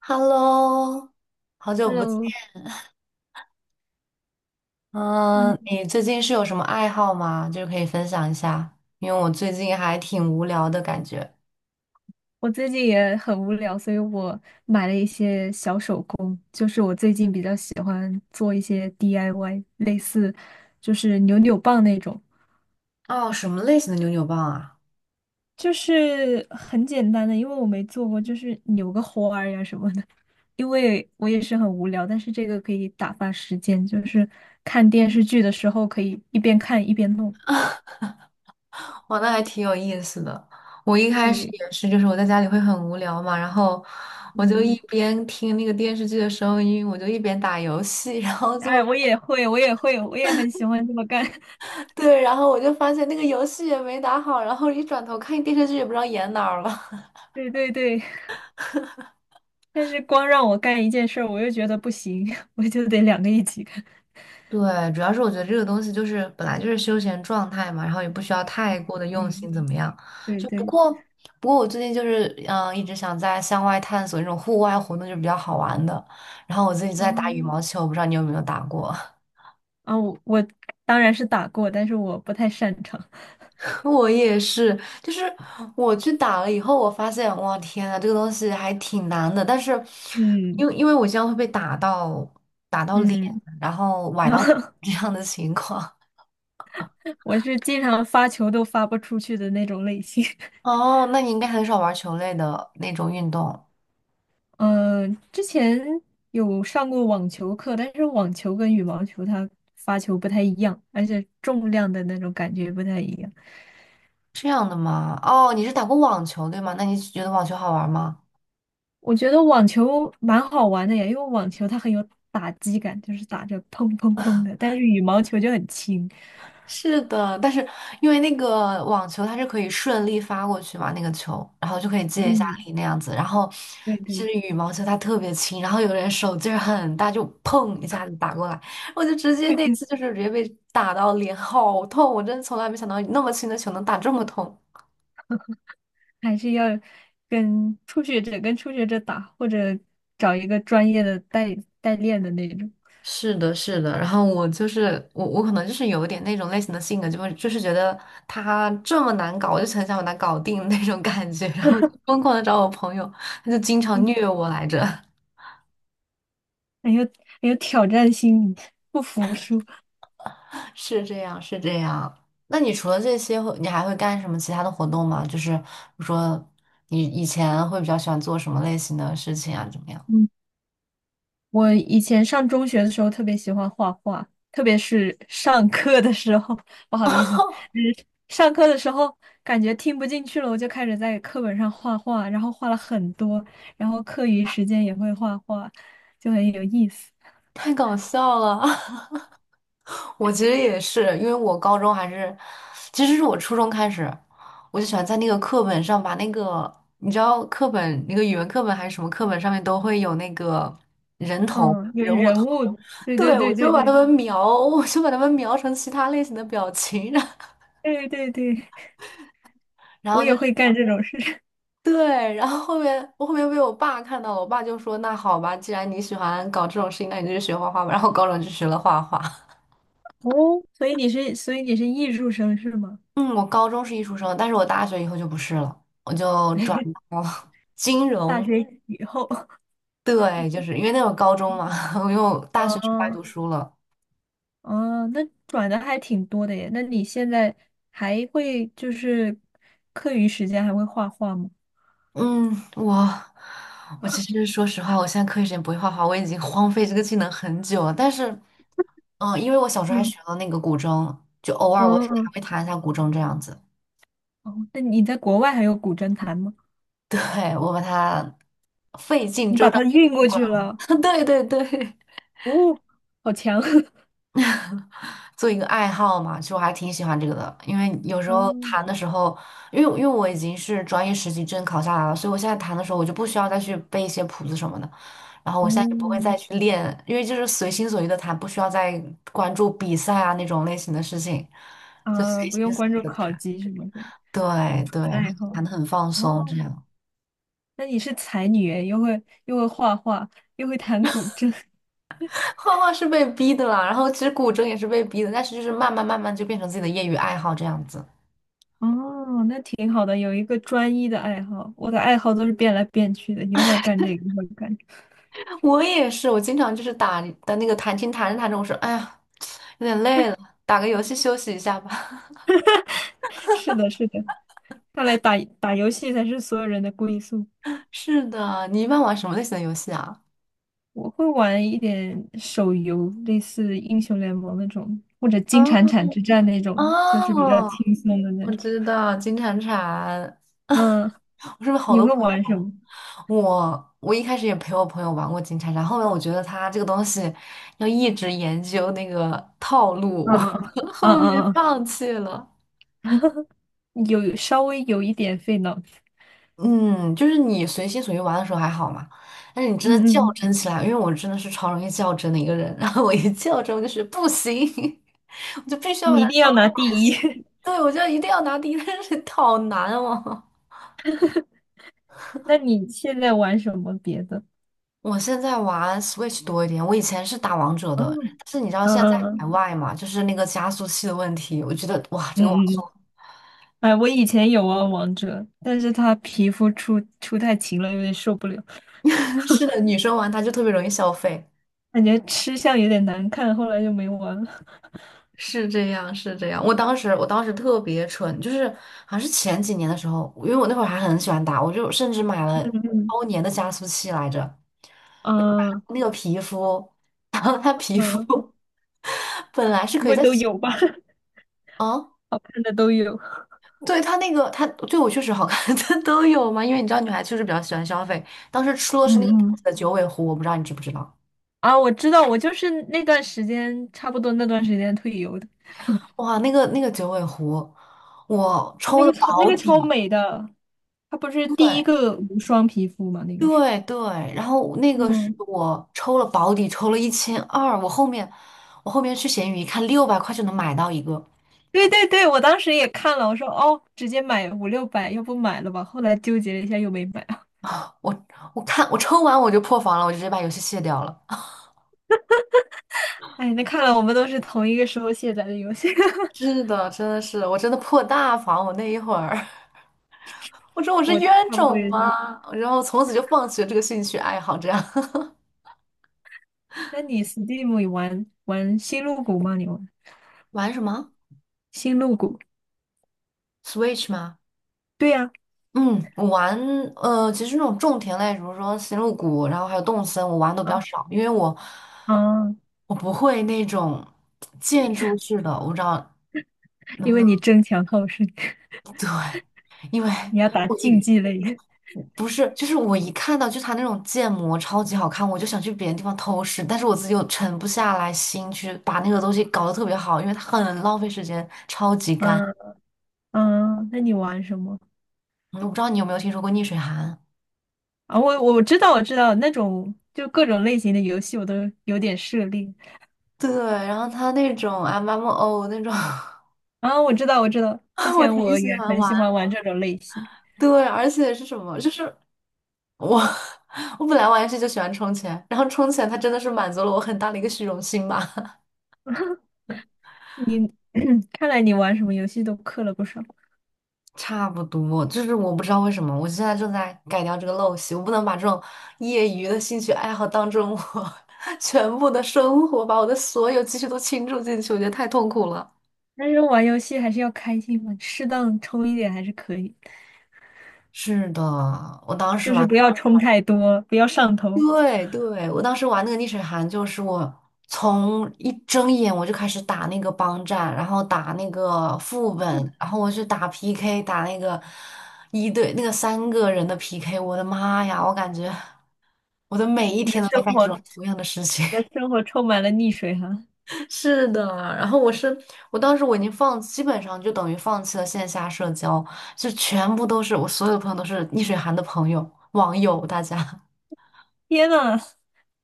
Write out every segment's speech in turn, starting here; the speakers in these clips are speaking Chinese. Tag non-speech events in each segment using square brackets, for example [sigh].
Hello，好久不见。Hello，嗯，嗯，你最近是有什么爱好吗？就是可以分享一下，因为我最近还挺无聊的感觉。我最近也很无聊，所以我买了一些小手工，就是我最近比较喜欢做一些 DIY，类似就是扭扭棒那种，哦，什么类型的扭扭棒啊？就是很简单的，因为我没做过，就是扭个花儿呀什么的。因为我也是很无聊，但是这个可以打发时间，就是看电视剧的时候可以一边看一边弄。哇，那还挺有意思的。我一开始对，也是，就是我在家里会很无聊嘛，然后我就嗯，一边听那个电视剧的声音，我就一边打游戏，然后就 哎，我也很喜欢这么干。[laughs] [laughs] 对，然后我就发现那个游戏也没打好，然后一转头看电视剧也不知道演哪儿了。对对对。但是光让我干一件事儿，我又觉得不行，[laughs] 我就得两个一起干。对，主要是我觉得这个东西就是本来就是休闲状态嘛，然后也不需要太过的用嗯，心怎么样。对就不对，过不过我最近就是一直想在向外探索那种户外活动，就比较好玩的。然后我自己在打羽嗯，毛球，我不知道你有没有打过？啊，我当然是打过，但是我不太擅长。[laughs] 我也是，就是我去打了以后，我发现哇天呐，这个东西还挺难的。但是因嗯为因为我经常会被打到打到脸，嗯，然后崴然到 后 [laughs] 这样的情况。[laughs] 我是经常发球都发不出去的那种类型。[laughs] 哦，那你应该很少玩球类的那种运动，嗯，之前有上过网球课，但是网球跟羽毛球它发球不太一样，而且重量的那种感觉不太一样。这样的吗？哦，你是打过网球对吗？那你觉得网球好玩吗？我觉得网球蛮好玩的呀，因为网球它很有打击感，就是打着砰砰砰的，但是羽毛球就很轻。是的，但是因为那个网球它是可以顺利发过去嘛，那个球，然后就可以借一下嗯，力那样子。然后对是对，羽毛球，它特别轻，然后有人手劲儿很大，就砰一下子打过来，我就直接那次就是直接被打到脸好痛，我真的从来没想到那么轻的球能打这么痛。还是要跟初学者打，或者找一个专业的代练的那种，是的，是的，然后我可能就是有一点那种类型的性格，就是觉得他这么难搞，我就很想把他搞定那种感觉，[laughs] 然后我就疯狂的找我朋友，他就经常嗯，虐我来着，很有很有挑战心理，不服输。[laughs] 是这样，是这样。那你除了这些会你还会干什么其他的活动吗？就是比如说你以前会比较喜欢做什么类型的事情啊？怎么样？嗯。我以前上中学的时候特别喜欢画画，特别是上课的时候，[laughs] 不好意思，就是上课的时候感觉听不进去了，我就开始在课本上画画，然后画了很多，然后课余时间也会画画，就很有意思。太搞笑了，[laughs] 我其实也是，因为我高中还是，其实是我初中开始，我就喜欢在那个课本上把那个，你知道课本那个语文课本还是什么课本上面都会有那个嗯，有人物人头，物，对对对，对对对我就把他们描成其他类型的表情，[laughs] 对对对，然后我然后也就会干这种事。[laughs] 对，然后后面被我爸看到了，我爸就说那好吧，既然你喜欢搞这种事情，那你就去学画画吧，然后高中就学了画画。哦，所以你是艺术生是吗？嗯，我高中是艺术生，但是我大学以后就不是了，我就转 [laughs] 到了 [laughs] 金大融。学以后，对，就是因为那会高中嘛，[laughs] 因为我 [laughs] 大学出来哦读书了。哦，那转的还挺多的耶。那你现在还会就是课余时间还会画画吗？嗯，我其实说实话，我现在课余时间不会画画，我已经荒废这个技能很久了。但是，嗯，因为我小时候还嗯，学了那个古筝，就偶尔我哦，还会弹一下古筝这样子。哦，那你在国外还有古筝弹吗？对，我把它费尽你把周章它地运过弄过去来了，了。[laughs] 对对对。哦，好强！[laughs] 做一个爱好嘛，其实我还挺喜欢这个的，因为有时哦，候弹的时候，因为我已经是专业实习证考下来了，所以我现在弹的时候我就不需要再去背一些谱子什么的，然后我现在也不会再嗯，去练，因为就是随心所欲的弹，不需要再关注比赛啊那种类型的事情，就啊，随不心用所关欲注的考弹。级什么的，对对，纯然后爱好。弹的很放松，这哦，样。那你是才女诶，又会画画，又会弹古筝。[laughs] 画画是被逼的啦，然后其实古筝也是被逼的，但是就是慢慢慢慢就变成自己的业余爱好这样子。哦，那挺好的，有一个专一的爱好。我的爱好都是变来变去的，一会儿干这个。一会儿干我也是，我经常就是打的那个弹琴弹着弹着，我说哎呀，有点累了，打个游戏休息一下吧。是的，是的，看来打打游戏才是所有人的归宿。[laughs] 是的，你一般玩什么类型的游戏啊？我会玩一点手游，类似英雄联盟那种，或者金铲啊铲之战那种的就啊，是比较轻松的那我种。知道金铲铲，[laughs] 嗯，我身边好你多会朋友玩什玩么？我一开始也陪我朋友玩过金铲铲，后面我觉得他这个东西要一直研究那个套路，嗯我 [laughs] 嗯嗯后面嗯放弃了。嗯，有稍微有一点费脑子。嗯，就是你随心所欲玩的时候还好嘛，但是你真的嗯较嗯，真起来，因为我真的是超容易较真的一个人，然后我一较真，我就是不行，[laughs] 我就必须要把你它一定说要完。拿满第一。[laughs] 行对，我就一定要拿第一，但是好难哦。那你现在玩什么别的？[laughs] 我现在玩 Switch 多一点，我以前是打王者嗯的，但是你知道现在嗯在海嗯外嘛，就是那个加速器的问题，我觉得哇，这个网嗯速 嗯，哎，我以前有玩王者，但是他皮肤出太勤了，有点受不了。[laughs] 是的，女生玩它就特别容易消费，感觉吃相有点难看，后来就没玩了。是这样，是这样。我当时特别蠢，就是好像是前几年的时候，因为我那会儿还很喜欢打，我就甚至买了嗯包年的加速器来着，我就买嗯，了啊，那个皮肤，然后它皮肤 嗯，[laughs] 本来是不可以会在都有吧？[laughs] 啊，看的都有。对它那个它对我确实好看，[laughs] 它都有嘛，因为你知道女孩确实比较喜欢消费。当时出的是嗯那个大嗯，的九尾狐，我不知道你知不知道？啊，我知道，我就是那段时间，差不多那段时间退游的。哇，那个九尾狐，我啊，抽的那保个超底，美的，它不是第一对。个无双皮肤吗？那个是。对对，然后那个是嗯，我抽了保底，抽了1200，我后面去闲鱼一看，600块就能买到一个，对对对，我当时也看了，我说哦，直接买五六百，要不买了吧？后来纠结了一下，又没买。[laughs] 我看我抽完我就破防了，我就直接把游戏卸掉了。[laughs] 哎，那看来我们都是同一个时候卸载的游戏，是的，真的是，我真的破大防，我那一会儿，[laughs] 我说我 [laughs] 是我冤差不多种也是。吗？然后从此就放弃了这个兴趣爱好，这样 那你 Steam 有玩玩星露谷吗？你玩 [laughs] 玩什么 星露谷？Switch 吗？对呀，嗯，呃，其实那种种田类，比如说星露谷，然后还有动森，我玩的都比啊，较少，因为我啊我不会那种建你 筑 [laughs] 式的，我不知道能因不为能 你争强好胜，[laughs] 对，因为 [laughs] 你要打我竞一技类。不是就是我一看到就他那种建模超级好看，我就想去别的地方偷师，但是我自己又沉不下来心去把那个东西搞得特别好，因为它很浪费时间，超级干。嗯嗯嗯，那你玩什么我不知道你有没有听说过逆水寒？啊？我知道那种就各种类型的游戏我都有点涉猎对，然后它那种 MMO 那种。[laughs] 啊。我知道，我知道，之我前挺我也喜欢很喜玩，欢玩这种类型。对，而且是什么？就是我，[laughs] 我本来玩游戏就喜欢充钱，然后充钱它真的是满足了我很大的一个虚荣心吧。[laughs] 你 [coughs] [clears throat] 看来你玩什么游戏都氪了不少，差不多，就是我不知道为什么，我现在正在改掉这个陋习，我不能把这种业余的兴趣爱好当成我 [laughs] 全部的生活，把我的所有积蓄都倾注进去，我觉得太痛苦了。但是玩游戏还是要开心嘛，适当充一点还是可以的，是的，我当时就是玩。不要充太多，不要上头。对对，我当时玩那个逆水寒，就是我从一睁眼我就开始打那个帮战，然后打那个副本，然后我去打 PK，打那个三个人的 PK，我的妈呀，我感觉我的每一你的天都在生干活，这你种同样的事情。的生活充满了溺水哈！[laughs] 是的，然后我当时我已经放，基本上就等于放弃了线下社交，就全部都是我所有的朋友都是逆水寒的朋友网友，大家。天呐，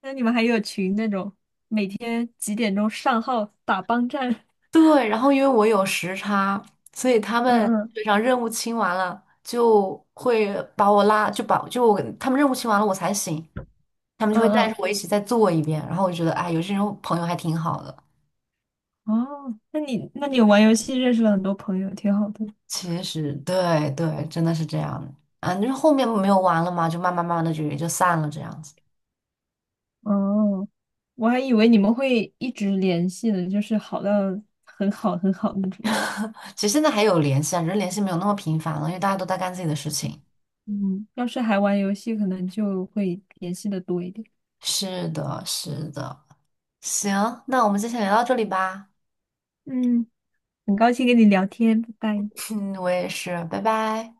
那你们还有群那种每天几点钟上号打帮战？对，然后因为我有时差，所以他嗯们嗯非常任务清完了，就把他们任务清完了我才醒，他们就会带嗯着我一起再做一遍。然后我就觉得，哎，有这种朋友还挺好的。嗯，哦，那你玩游戏认识了很多朋友，挺好的。其实，对对，真的是这样的。啊，就是后面没有玩了嘛，就慢慢慢慢的就也就散了这样子。哦，我还以为你们会一直联系呢，就是好到很好很好那种。[laughs] 其实现在还有联系啊，只是联系没有那么频繁了，因为大家都在干自己的事情。嗯，要是还玩游戏，可能就会联系的多一点。是的，是的。行，那我们今天聊到这里吧。嗯，很高兴跟你聊天，拜拜。[laughs] 嗯，我也是，拜拜。